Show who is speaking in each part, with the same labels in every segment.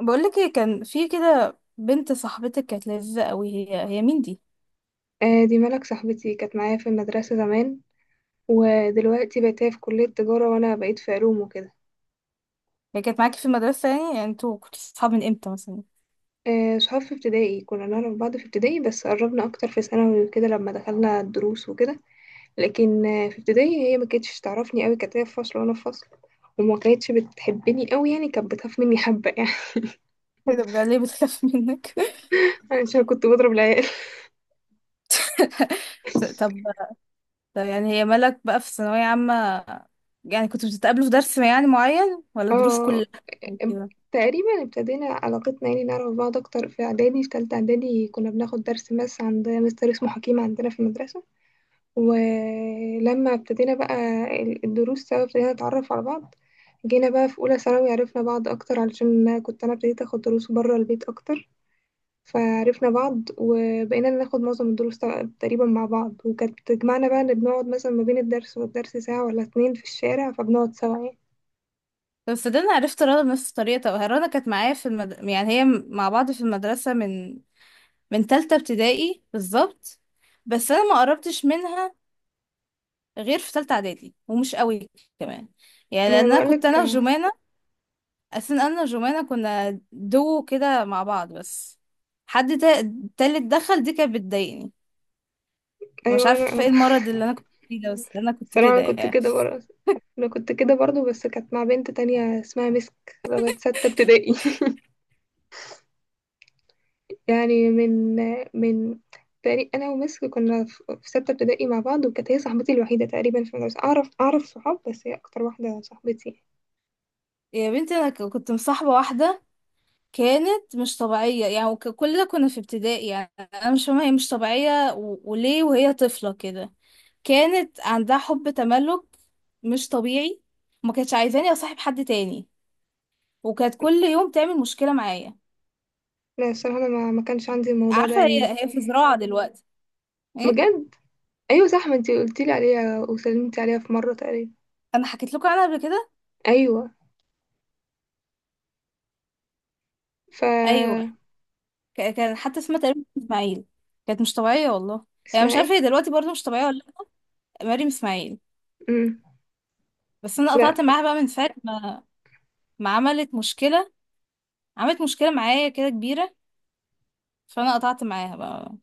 Speaker 1: بقولك ايه، كان في كده بنت صاحبتك كانت لذيذة قوي، هي مين دي؟
Speaker 2: دي ملك صاحبتي كانت معايا في المدرسة زمان. ودلوقتي بقت هي في كلية تجارة وأنا بقيت في علوم وكده.
Speaker 1: هي كانت معاكي في المدرسة، يعني انتوا كنتوا صحاب من امتى مثلا؟
Speaker 2: صحاب في ابتدائي، كنا نعرف بعض في ابتدائي بس قربنا أكتر في ثانوي وكده لما دخلنا الدروس وكده. لكن في ابتدائي هي ما كانتش تعرفني أوي، كانت هي في فصل وأنا في فصل، وما كانتش بتحبني أوي يعني، كانت بتخاف مني حبة يعني.
Speaker 1: ايه ده؟ بجد؟ ليه بتخاف منك؟
Speaker 2: عشان كنت بضرب العيال.
Speaker 1: طب. طب يعني هي مالك بقى في ثانوية عامة. يعني كنتوا بتتقابلوا في درس يعني معين، ولا دروس
Speaker 2: اه،
Speaker 1: كلها؟ أو كده.
Speaker 2: تقريبا ابتدينا علاقتنا يعني نعرف بعض اكتر في اعدادي، في تالتة اعدادي كنا بناخد درس ماس عند مستر اسمه حكيم عندنا في المدرسة. ولما ابتدينا بقى الدروس سوا ابتدينا نتعرف على بعض. جينا بقى في اولى ثانوي عرفنا بعض اكتر علشان كنت انا ابتديت اخد دروس بره البيت اكتر. فعرفنا بعض وبقينا ناخد معظم الدروس تقريبا مع بعض، وكانت بتجمعنا بقى ان بنقعد مثلا ما بين الدرس والدرس ساعة ولا اتنين في الشارع فبنقعد سوا يعني.
Speaker 1: طب صدقني، عرفت رنا بنفس الطريقة. طب رنا كانت معايا في يعني هي مع بعض في المدرسة من تالتة ابتدائي بالظبط. بس انا ما قربتش منها غير في تالتة اعدادي، ومش قوي كمان. يعني
Speaker 2: ما انا
Speaker 1: لان انا كنت
Speaker 2: بقولك.
Speaker 1: انا وجمانة. اساسا انا وجمانة كنا دو كده مع بعض بس. حد تا- تالت دخل دي كانت بتضايقني. مش
Speaker 2: ايوه
Speaker 1: عارفة ايه
Speaker 2: انا.
Speaker 1: المرض اللي انا كنت فيه ده، بس انا كنت
Speaker 2: الصراحة
Speaker 1: كده
Speaker 2: أنا كنت
Speaker 1: يعني.
Speaker 2: كده برضه. أنا كنت كده برضه بس كانت مع بنت تانية اسمها مسك لغاية ستة ابتدائي. يعني من، من تقريبا أنا ومسك كنا في ستة ابتدائي مع بعض، وكانت هي صاحبتي الوحيدة تقريبا في المدرسة، أعرف صحاب بس هي أكتر واحدة صاحبتي.
Speaker 1: يا بنتي، انا كنت مصاحبة واحدة. كانت مش طبيعية يعني، كلنا كنا في ابتدائي يعني. انا مش فاهمة هي مش طبيعية، وليه وهي طفلة كده؟ كانت عندها حب تملك مش طبيعي. ما كانتش عايزاني اصاحب حد تاني. وكانت كل يوم تعمل مشكلة معايا.
Speaker 2: لا الصراحة أنا ما, ما كانش عندي الموضوع ده
Speaker 1: عارفة
Speaker 2: يعني.
Speaker 1: هي في زراعة دلوقتي؟ ايه.
Speaker 2: بجد. أيوة صح، ما انتي قلتيلي عليها وسلمتي عليها في مرة تقريبا.
Speaker 1: انا حكيت لكم عنها قبل كده.
Speaker 2: أيوة. ف.
Speaker 1: ايوه. كان حتى اسمها تقريبا اسماعيل. كانت مش طبيعية والله. يعني
Speaker 2: اسمها
Speaker 1: مش عارفة
Speaker 2: ايه؟
Speaker 1: هي دلوقتي برضه مش طبيعية ولا. لأ. مريم اسماعيل.
Speaker 2: مم.
Speaker 1: بس انا قطعت
Speaker 2: لا،
Speaker 1: معاها بقى، من ساعة ما عملت مشكلة. عملت مشكلة معايا كده كبيرة. فانا قطعت معاها بقى.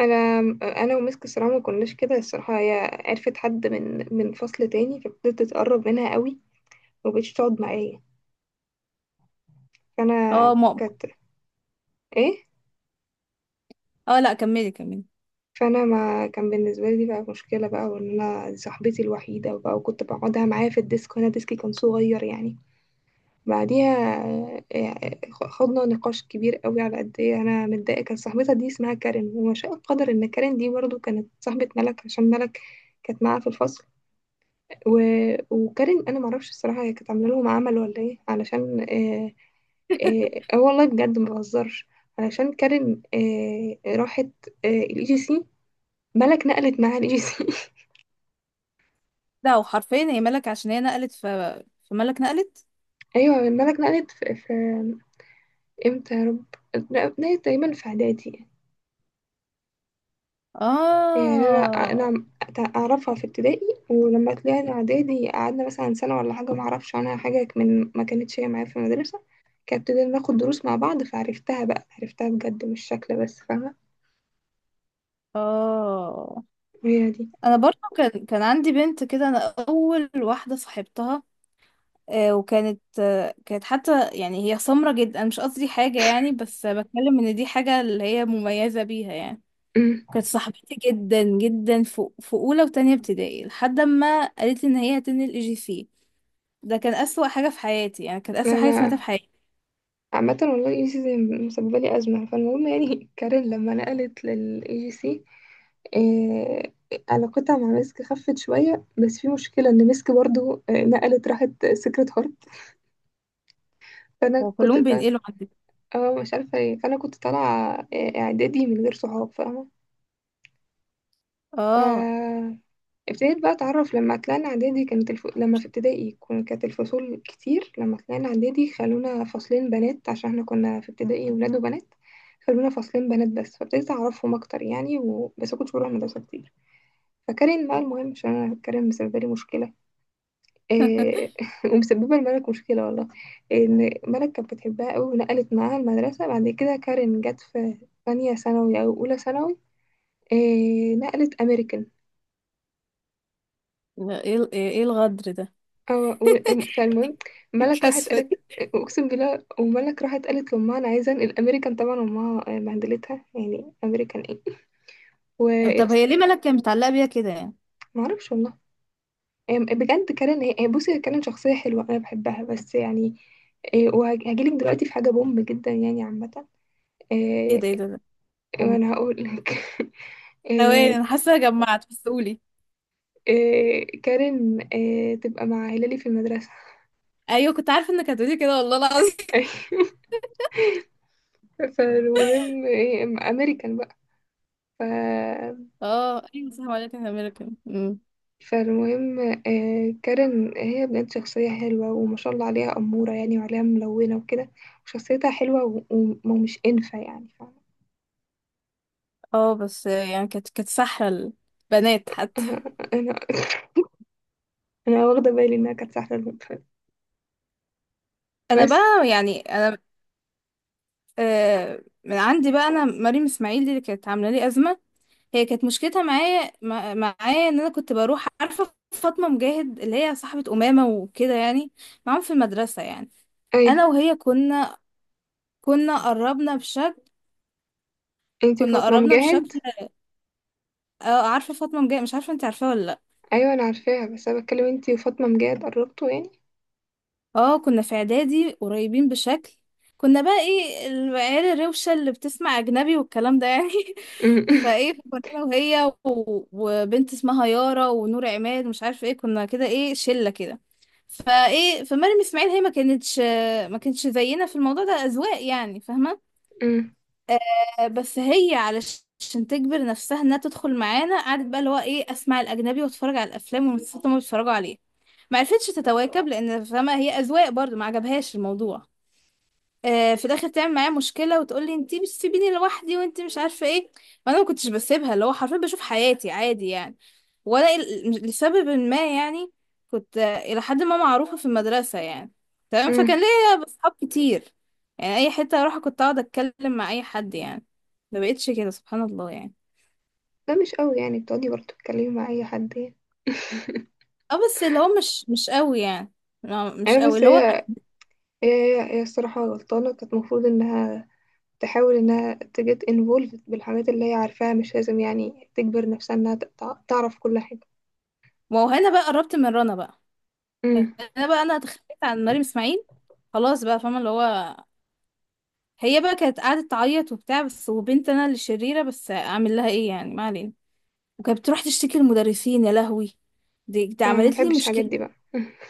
Speaker 2: انا ومسك الصراحه ما كناش كده، الصراحه هي عرفت حد من، من فصل تاني فابتدت تتقرب منها قوي ومبقتش تقعد معايا. فانا
Speaker 1: اه ماما.
Speaker 2: كانت. ايه.
Speaker 1: اه لا، كملي كملي.
Speaker 2: فانا ما كان بالنسبه لي دي بقى مشكله بقى وان انا دي صاحبتي الوحيده بقى، وكنت بقعدها معايا في الديسك وانا ديسكي كان صغير يعني. بعديها خضنا نقاش كبير قوي على قد ايه انا متضايقه، كان صاحبتها دي اسمها كارين، وما شاء القدر ان كارين دي برضو كانت صاحبه ملك عشان ملك كانت معاها في الفصل. و... وكارين انا معرفش الصراحه، هي كانت عامله لهم عمل ولا ايه علشان اه. اه. والله بجد ما بهزرش. علشان كارين راحت اه الاي جي سي. ملك نقلت معاها الاي جي سي.
Speaker 1: لا، وحرفيا هي ملك عشان هي نقلت في ملك نقلت.
Speaker 2: ايوه ملك نقلت في امتى يا رب؟ لا، نقلت تقريبا في اعدادي. يعني انا
Speaker 1: اه،
Speaker 2: انا اعرفها في ابتدائي، ولما طلعنا اعدادي قعدنا مثلا سنه ولا حاجه ما اعرفش عنها حاجه من ما كانتش هي معايا في المدرسه. كانت ابتدينا ناخد دروس مع بعض فعرفتها بقى، عرفتها بجد مش شكل بس فاهمة.
Speaker 1: اه.
Speaker 2: هي دي.
Speaker 1: انا برضو كان عندي بنت كده انا. اول واحده صاحبتها. وكانت آه، كانت حتى يعني هي سمرة جدا. أنا مش قصدي حاجه يعني، بس بتكلم ان دي حاجه اللي هي مميزه بيها يعني.
Speaker 2: أمم.
Speaker 1: كانت صاحبتي جدا جدا في اولى وتانية ابتدائي لحد ما قالت لي ان هي هتنقل اي جي سي. ده كان اسوأ حاجه في حياتي يعني، كانت اسوأ
Speaker 2: انا
Speaker 1: حاجه سمعتها في حياتي.
Speaker 2: عامة والله اي جي سي مسببة لي أزمة فالمهم يعني. كارين لما نقلت للاي جي سي علاقتها مع مسك خفت شوية، بس في مشكلة ان مسك برضو نقلت راحت سكرة هارت. فانا
Speaker 1: هو
Speaker 2: كنت
Speaker 1: كلهم
Speaker 2: طالعة
Speaker 1: بينقلوا عندي.
Speaker 2: اه مش عارفة ايه. فانا كنت طالعة اعدادي من غير صحاب
Speaker 1: اه.
Speaker 2: فاهمة. ابتديت بقى اتعرف لما طلعنا اعدادي كانت لما في ابتدائي كانت الفصول كتير، لما طلعنا اعدادي خلونا فصلين بنات عشان احنا كنا في ابتدائي ولاد وبنات، خلونا فصلين بنات بس، فابتديت اعرفهم اكتر يعني بس كنت بروح المدرسه كتير. فكارين بقى المهم عشان انا كارين مسببه لي مشكله. إيه... ومسببه لملك مشكله والله ان ملك كانت بتحبها قوي ونقلت معاها المدرسه، بعد كده كارين جت في ثانيه ثانوي او اولى ثانوي. نقلت امريكان.
Speaker 1: ايه إيه الغدر ده؟
Speaker 2: اه فالمهم ملك راحت
Speaker 1: الكسفة
Speaker 2: قالت
Speaker 1: دي.
Speaker 2: اقسم بالله، وملك راحت قالت لامها انا عايزه انقل امريكان، طبعا امها بهدلتها يعني امريكان ايه ويا
Speaker 1: طب
Speaker 2: س-
Speaker 1: هي، ليه مالك كانت متعلقه بيها كده يعني؟
Speaker 2: ما اعرفش والله. هي بجد كارين، هي بصي، هي كارين شخصيه حلوه انا بحبها بس يعني وهجيلك دلوقتي في حاجه بوم جدا يعني عامه.
Speaker 1: ايه
Speaker 2: إيه،
Speaker 1: ده؟ ايه ده؟ ده.
Speaker 2: وانا هقول لك.
Speaker 1: ثواني،
Speaker 2: إيه،
Speaker 1: انا حاسه جمعت بس قولي.
Speaker 2: كارين تبقى مع هلالي في المدرسه.
Speaker 1: ايوه، كنت عارفه انك هتقولي كده والله العظيم.
Speaker 2: فالمهم امريكان بقى. ف.
Speaker 1: اه ايوه صح، ولكن امريكان.
Speaker 2: فالمهم كارين هي بنت شخصية حلوة وما شاء الله عليها أمورة يعني وعليها ملونة وكده، وشخصيتها حلوة ومش إنفة يعني
Speaker 1: اه بس يعني كانت سحله. البنات حتى.
Speaker 2: فاهمة. أنا أنا واخدة بالي إنها كانت سهلة الوقت
Speaker 1: انا
Speaker 2: بس.
Speaker 1: بقى يعني انا. من عندي بقى، انا مريم اسماعيل دي اللي كانت عامله لي ازمه. هي كانت مشكلتها معايا ان انا كنت بروح عارفه فاطمه مجاهد اللي هي صاحبه امامه وكده يعني. معاهم في المدرسه يعني.
Speaker 2: أيوه
Speaker 1: انا وهي كنا قربنا بشكل
Speaker 2: أنتي
Speaker 1: كنا
Speaker 2: وفاطمة
Speaker 1: قربنا
Speaker 2: مجاهد.
Speaker 1: بشكل. اه، عارفه فاطمه مجاهد، مش عارفه انت عارفاها ولا لأ.
Speaker 2: أيوه أنا عارفاها، بس أنا بتكلم أنتي وفاطمة مجاهد قربتوا يعني.
Speaker 1: اه، كنا في اعدادي قريبين بشكل. كنا بقى ايه العيال الروشة اللي بتسمع اجنبي والكلام ده يعني.
Speaker 2: أمم.
Speaker 1: فايه، كنا انا وهي و- وبنت اسمها يارا ونور عماد ومش عارفه ايه، كنا كده ايه شلة كده. فايه، فمريم اسماعيل هي ما كانتش زينا في الموضوع ده اذواق يعني، فاهمه؟
Speaker 2: أمم.
Speaker 1: بس هي علشان تجبر نفسها انها تدخل معانا، قعدت بقى اللي هو ايه اسمع الاجنبي واتفرج على الافلام والمسلسلات اللي هما بيتفرجوا عليها. ما عرفتش تتواكب، لان فما هي اذواق برضو ما عجبهاش الموضوع. في الاخر تعمل معايا مشكله وتقول لي انتي بتسيبيني لوحدي وانتي مش عارفه ايه. وانا ما كنتش بسيبها، اللي هو حرفيا بشوف حياتي عادي يعني. ولا لسبب ما يعني. كنت الى حد ما معروفه في المدرسه يعني. تمام، فكان
Speaker 2: أمم.
Speaker 1: ليا اصحاب كتير. يعني اي حته اروح كنت اقعد اتكلم مع اي حد يعني. ما بقتش كده سبحان الله يعني.
Speaker 2: ده مش قوي يعني بتقعدي برضه تتكلمي مع أي حد يعني.
Speaker 1: اه بس اللي هو مش قوي يعني. مش
Speaker 2: أيوه
Speaker 1: قوي
Speaker 2: بس
Speaker 1: اللي هو.
Speaker 2: هي هي الصراحة غلطانة، كانت المفروض إنها تحاول إنها ت get involved بالحاجات اللي هي عارفاها، مش لازم يعني تجبر نفسها إنها تعرف كل حاجة.
Speaker 1: ما هو هنا بقى، قربت من رنا بقى.
Speaker 2: امم.
Speaker 1: انا بقى، انا اتخليت عن مريم اسماعيل. خلاص بقى، فاهمه اللي هو. هي بقى كانت قعدت تعيط وبتاع بس، وبنت انا اللي شريره، بس اعمل لها ايه يعني، ما علينا. وكانت بتروح تشتكي للمدرسين، يا لهوي. دي
Speaker 2: أنا
Speaker 1: عملت لي
Speaker 2: مبحبش الحاجات
Speaker 1: مشكله.
Speaker 2: دي بقى.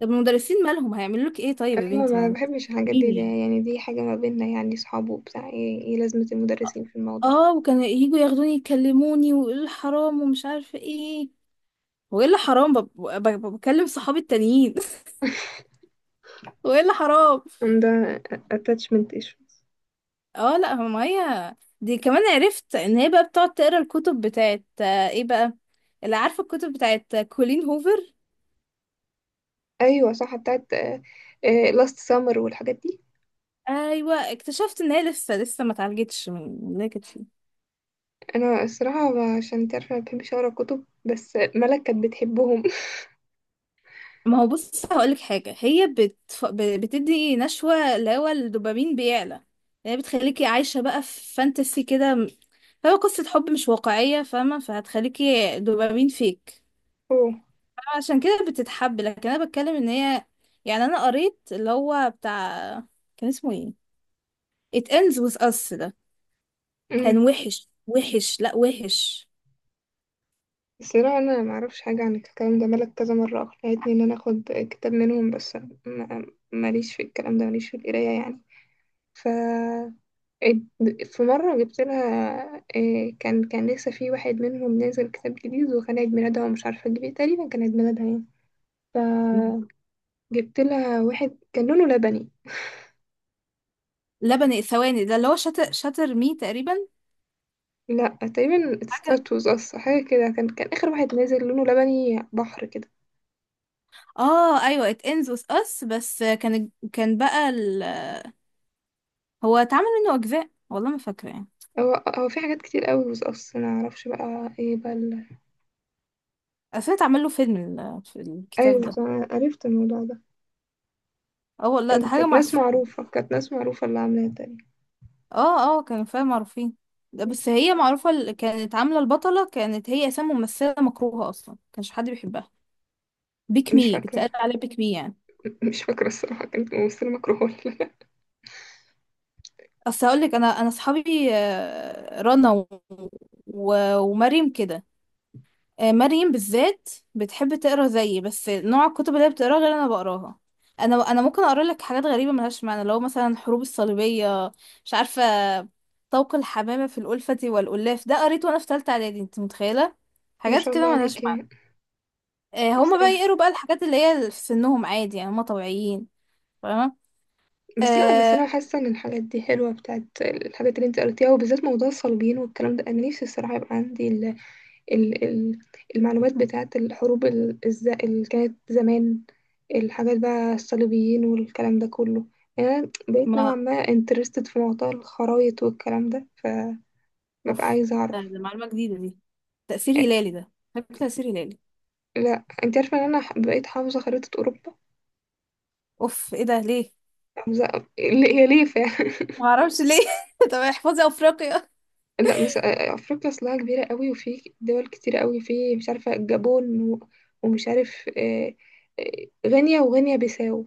Speaker 1: طب المدرسين مالهم هيعملوا لك ايه طيب يا
Speaker 2: أيوة
Speaker 1: بنتي،
Speaker 2: ما
Speaker 1: ما.
Speaker 2: بحبش الحاجات
Speaker 1: مين
Speaker 2: دي
Speaker 1: يعني.
Speaker 2: يعني، دي حاجة ما بيننا يعني صحاب وبتاع، إيه إيه لازمة المدرسين في الموضوع؟
Speaker 1: اه، وكانوا يجوا ياخدوني يكلموني ويقولوا لي حرام ومش عارفه ايه. وايه اللي حرام؟ بكلم صحابي التانيين. وايه اللي حرام.
Speaker 2: ده attachment issues.
Speaker 1: اه لا، هو مية دي كمان عرفت ان هي بقى بتقعد تقرا الكتب بتاعت ايه بقى. اللي عارفه الكتب بتاعت كولين هوفر.
Speaker 2: أيوة صح، بتاعت last summer والحاجات دي.
Speaker 1: ايوه، اكتشفت ان هي لسه لسه ما اتعالجتش من اللي هي كانت فيه.
Speaker 2: أنا الصراحة عشان تعرف أنا مبحبش أقرا كتب، بس ملك كانت بتحبهم.
Speaker 1: ما هو بص هقولك حاجه، هي بتدي نشوه، اللي هو الدوبامين بيعلى. هي بتخليكي عايشه بقى في فانتسي كده. هو قصه حب مش واقعيه، فاهمه؟ فهتخليكي دوبامين فيك.
Speaker 2: أوه.
Speaker 1: عشان كده بتتحب، لكن انا بتكلم ان هي. يعني انا قريت اللي هو بتاع. كان اسمه ايه. It ends with us ده. كان
Speaker 2: أمم.
Speaker 1: وحش وحش، لا وحش.
Speaker 2: الصراحة أنا معرفش حاجة عن الكلام ده، ملك كذا مرة أقنعتني إن أنا أخد كتاب منهم بس ما- ماليش في الكلام ده، ماليش في القراية يعني. ف. في مرة جبت لها كان لسه في واحد منهم نازل كتاب جديد وكان عيد ميلادها ومش عارفة أجيب إيه، تقريبا كان عيد ميلادها يعني، فجبت لها واحد كان لونه لبني.
Speaker 1: لبن الثواني ده اللي هو شاتر شاتر مي تقريبا.
Speaker 2: لا، تقريبا
Speaker 1: حاجة.
Speaker 2: ستاتوز أصلا حاجة كده، كان آخر واحد نازل لونه لبني بحر كده.
Speaker 1: اه ايوه، It ends with us، بس كان بقى. هو اتعمل منه اجزاء والله، ما فاكرة يعني.
Speaker 2: هو في حاجات كتير قوي بس أصلا أنا معرفش بقى ايه بقى.
Speaker 1: اصل اتعمل له فيلم في الكتاب
Speaker 2: ايوه
Speaker 1: ده.
Speaker 2: صح، عرفت الموضوع ده.
Speaker 1: اه والله، ده حاجة
Speaker 2: كانت ناس
Speaker 1: معفنة.
Speaker 2: معروفة، كانت ناس معروفة اللي عاملاها تاني.
Speaker 1: اه، اه، كان فيها معروفين. ده، بس هي معروفة كانت عاملة البطلة، كانت هي اساسا ممثلة مكروهة اصلا، كانش حد بيحبها. بيك
Speaker 2: مش
Speaker 1: مي بتقال
Speaker 2: فاكرة
Speaker 1: عليها بيك مي يعني.
Speaker 2: مش فاكرة الصراحة كانت ممثلة مكروهة ولا لا.
Speaker 1: اصل هقولك، انا اصحابي رنا و... و... ومريم كده. مريم بالذات بتحب تقرا زيي، بس نوع الكتب اللي هي بتقراها غير انا بقراها. انا ممكن اقرا لك حاجات غريبه ملهاش معنى، لو مثلا حروب الصليبيه. مش عارفه. طوق الحمامه في الألفة والألاف، ده قريته وانا في ثالثه اعدادي، انت متخيله؟
Speaker 2: ما
Speaker 1: حاجات
Speaker 2: شاء الله
Speaker 1: كده ملهاش
Speaker 2: عليك
Speaker 1: معنى.
Speaker 2: يعني. بس,
Speaker 1: هما بقى يقروا بقى الحاجات اللي هي في سنهم عادي يعني، هما طبيعيين. فاهمه.
Speaker 2: بس لا بس
Speaker 1: آه
Speaker 2: أنا حاسة إن الحاجات دي حلوة بتاعت الحاجات اللي أنت قلتيها، وبالذات موضوع الصليبيين والكلام ده، أنا نفسي الصراحة يبقى عندي ال المعلومات بتاعت الحروب اللي كانت زمان، الحاجات بقى الصليبيين والكلام ده كله. يعني أنا بقيت نوعا
Speaker 1: ما
Speaker 2: ما انترستد في موضوع الخرايط والكلام ده، ببقى
Speaker 1: اوف،
Speaker 2: عايزة
Speaker 1: ده
Speaker 2: أعرف.
Speaker 1: ده معلومه جديده دي. تأثير هلالي ده، بحب تأثير هلالي.
Speaker 2: لا انت عارفة ان انا بقيت حافظة خريطة اوروبا.
Speaker 1: اوف، ايه ده؟ ليه؟
Speaker 2: حافظة. هي ليه فعلا.
Speaker 1: ما اعرفش ليه. طب احفظي افريقيا.
Speaker 2: لا بس افريقيا اصلها كبيرة قوي وفي دول كتير قوي في، مش عارفة الجابون ومش عارف غينيا وغينيا بيساو،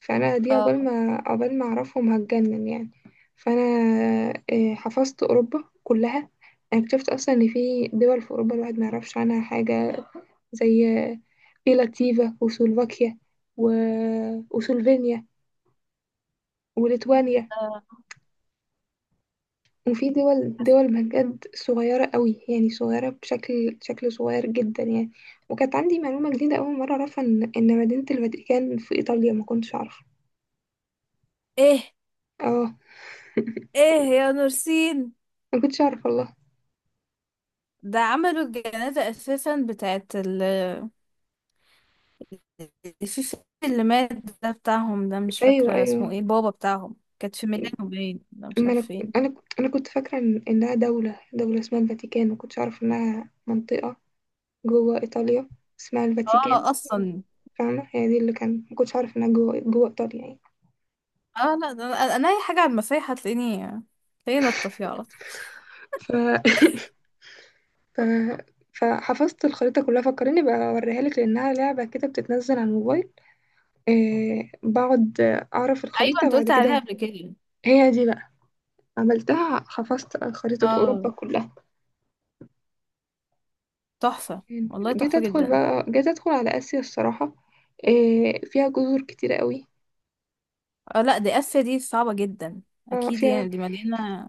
Speaker 2: فانا دي
Speaker 1: اه
Speaker 2: عقبال ما اعرفهم هتجنن يعني. فانا حفظت اوروبا كلها. انا اكتشفت اصلا ان في دول في اوروبا الواحد ما يعرفش عنها حاجة، زي في لاتفيا وسلوفاكيا و... وسلوفينيا وليتوانيا،
Speaker 1: ده-
Speaker 2: وفي دول بجد صغيرة قوي يعني، صغيرة شكل صغير جدا يعني. وكانت عندي معلومة جديدة أول مرة أعرفها إن مدينة الفاتيكان في إيطاليا ما كنتش أعرفها.
Speaker 1: ايه.
Speaker 2: اه.
Speaker 1: ايه. يا نورسين.
Speaker 2: ما كنتش أعرف والله.
Speaker 1: ده عملوا الجنازة اساسا بتاعت في اللي مات. ده بتاعهم، ده مش
Speaker 2: أيوه
Speaker 1: فاكرة اسمه
Speaker 2: أيوه.
Speaker 1: ايه، بابا بتاعهم، كانت في ميلانو باين، ده مش
Speaker 2: ما
Speaker 1: عارفة
Speaker 2: أنا.
Speaker 1: فين.
Speaker 2: أنا كنت فاكرة إنها دولة اسمها الفاتيكان، ما كنتش أعرف إنها منطقة جوه إيطاليا اسمها الفاتيكان،
Speaker 1: اه اصلا.
Speaker 2: فاهمة، هي دي اللي كان ما كنتش عارف إنها جوه إيطاليا يعني.
Speaker 1: اه لا، ده انا اي حاجة على المسيح هتلاقيني نطة فيها على طول.
Speaker 2: ف... ف... فحفظت الخريطة كلها، فكرني بقى أوريها لك لأنها لعبة كده بتتنزل على الموبايل. إيه بقعد أعرف
Speaker 1: ايوه،
Speaker 2: الخريطة
Speaker 1: انت
Speaker 2: بعد
Speaker 1: قلت عليها
Speaker 2: كده.
Speaker 1: قبل كده.
Speaker 2: هي دي بقى، عملتها، حفظت خريطة أوروبا
Speaker 1: اه،
Speaker 2: كلها.
Speaker 1: تحفة. والله
Speaker 2: جيت
Speaker 1: تحفة
Speaker 2: أدخل
Speaker 1: جدا.
Speaker 2: بقى، جيت أدخل على آسيا الصراحة، إيه فيها جزر كتيرة قوي.
Speaker 1: اه لا، دي اسيا دي صعبة جدا. اكيد
Speaker 2: فيها
Speaker 1: يعني، دي مليانة.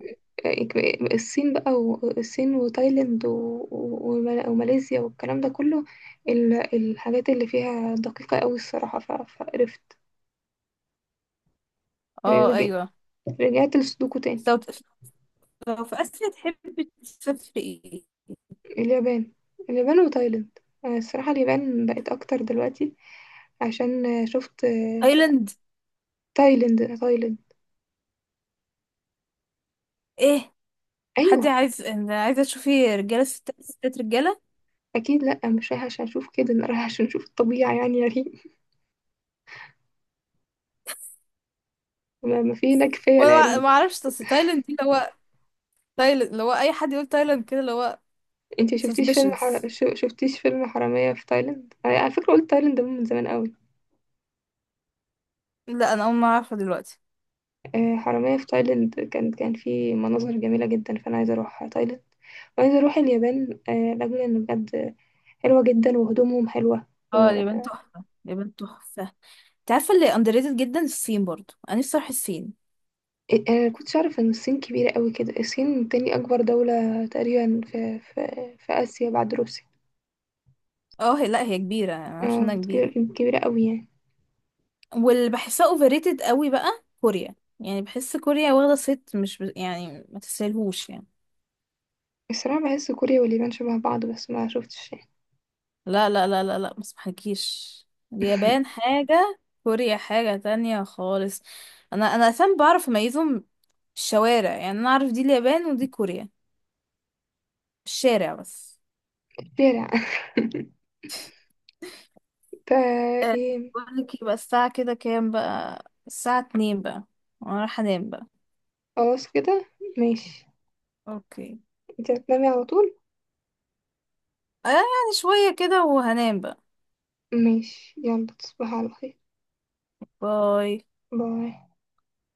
Speaker 2: الصين بقى وتايلاند وماليزيا والكلام ده كله، الحاجات اللي فيها دقيقة قوي الصراحة فقرفت يعني.
Speaker 1: اه،
Speaker 2: رجعت لسودوكو تاني.
Speaker 1: ايوه. لو في آسيا تحبي تسافري ايه؟
Speaker 2: اليابان. اليابان وتايلاند. أنا الصراحة اليابان بقت أكتر دلوقتي عشان شفت
Speaker 1: ايلاند؟
Speaker 2: تايلاند.
Speaker 1: ايه؟ حد
Speaker 2: أيوه.
Speaker 1: عايز، أنا عايزة تشوفي رجالة ستات ستات رجالة؟
Speaker 2: أكيد لأ، مش رايحة عشان أشوف كده، أنا رايحة عشان أشوف الطبيعة يعني يا ريم، ما في هناك كفاية، لا يا
Speaker 1: وانا
Speaker 2: ريم.
Speaker 1: ما اعرفش، اصل تايلاند دي اللي هو تايلاند اللي هو اي حد يقول تايلاند كده اللي هو
Speaker 2: انتي شفتيش فيلم
Speaker 1: suspicious.
Speaker 2: شفتيش فيلم حرامية في تايلاند على فكرة، قلت تايلاند ده من زمان قوي.
Speaker 1: لا انا اول ما اعرفها دلوقتي.
Speaker 2: حرامية في تايلاند كان فيه مناظر جميلة جدا، فانا عايزة اروح تايلاند وعايزة اروح اليابان لاجل ان بجد حلوة جدا وهدومهم حلوة و...
Speaker 1: اه، اليابان تحفة، اليابان تحفة. انت عارفة اللي underrated جدا، الصين، برضو انا نفسي اروح الصين.
Speaker 2: انا كنتش اعرف ان الصين كبيرة قوي كده، الصين تاني اكبر دولة تقريبا في اسيا بعد روسيا.
Speaker 1: اه هي، لا هي كبيرة، انا عارفة
Speaker 2: اه
Speaker 1: انها كبيرة.
Speaker 2: كبيرة قوي يعني.
Speaker 1: واللي بحسها overrated قوي بقى كوريا. يعني بحس كوريا واخدة صيت مش يعني ما تستاهلهوش يعني.
Speaker 2: الصراحة بحس كوريا واليابان شبه بعض بس ما شفتش يعني.
Speaker 1: لا، لا، لا، لا، لا، ما اسمحكيش. اليابان حاجة. كوريا حاجة تانية خالص. انا فاهم بعرف اميزهم. الشوارع يعني، انا اعرف دي اليابان ودي كوريا. الشارع بس.
Speaker 2: شارع. ف.
Speaker 1: آه،
Speaker 2: إيه،
Speaker 1: بقولك يبقى الساعة كده كام؟ بقى الساعة 2 بقى. وانا رايحة انام بقى.
Speaker 2: خلاص كده. ماشي.
Speaker 1: اوكي.
Speaker 2: انت هتنامي على طول؟
Speaker 1: آه يعني شوية كده، وهنام بقى.
Speaker 2: ماشي، يلا تصبحي على خير.
Speaker 1: باي.
Speaker 2: باي.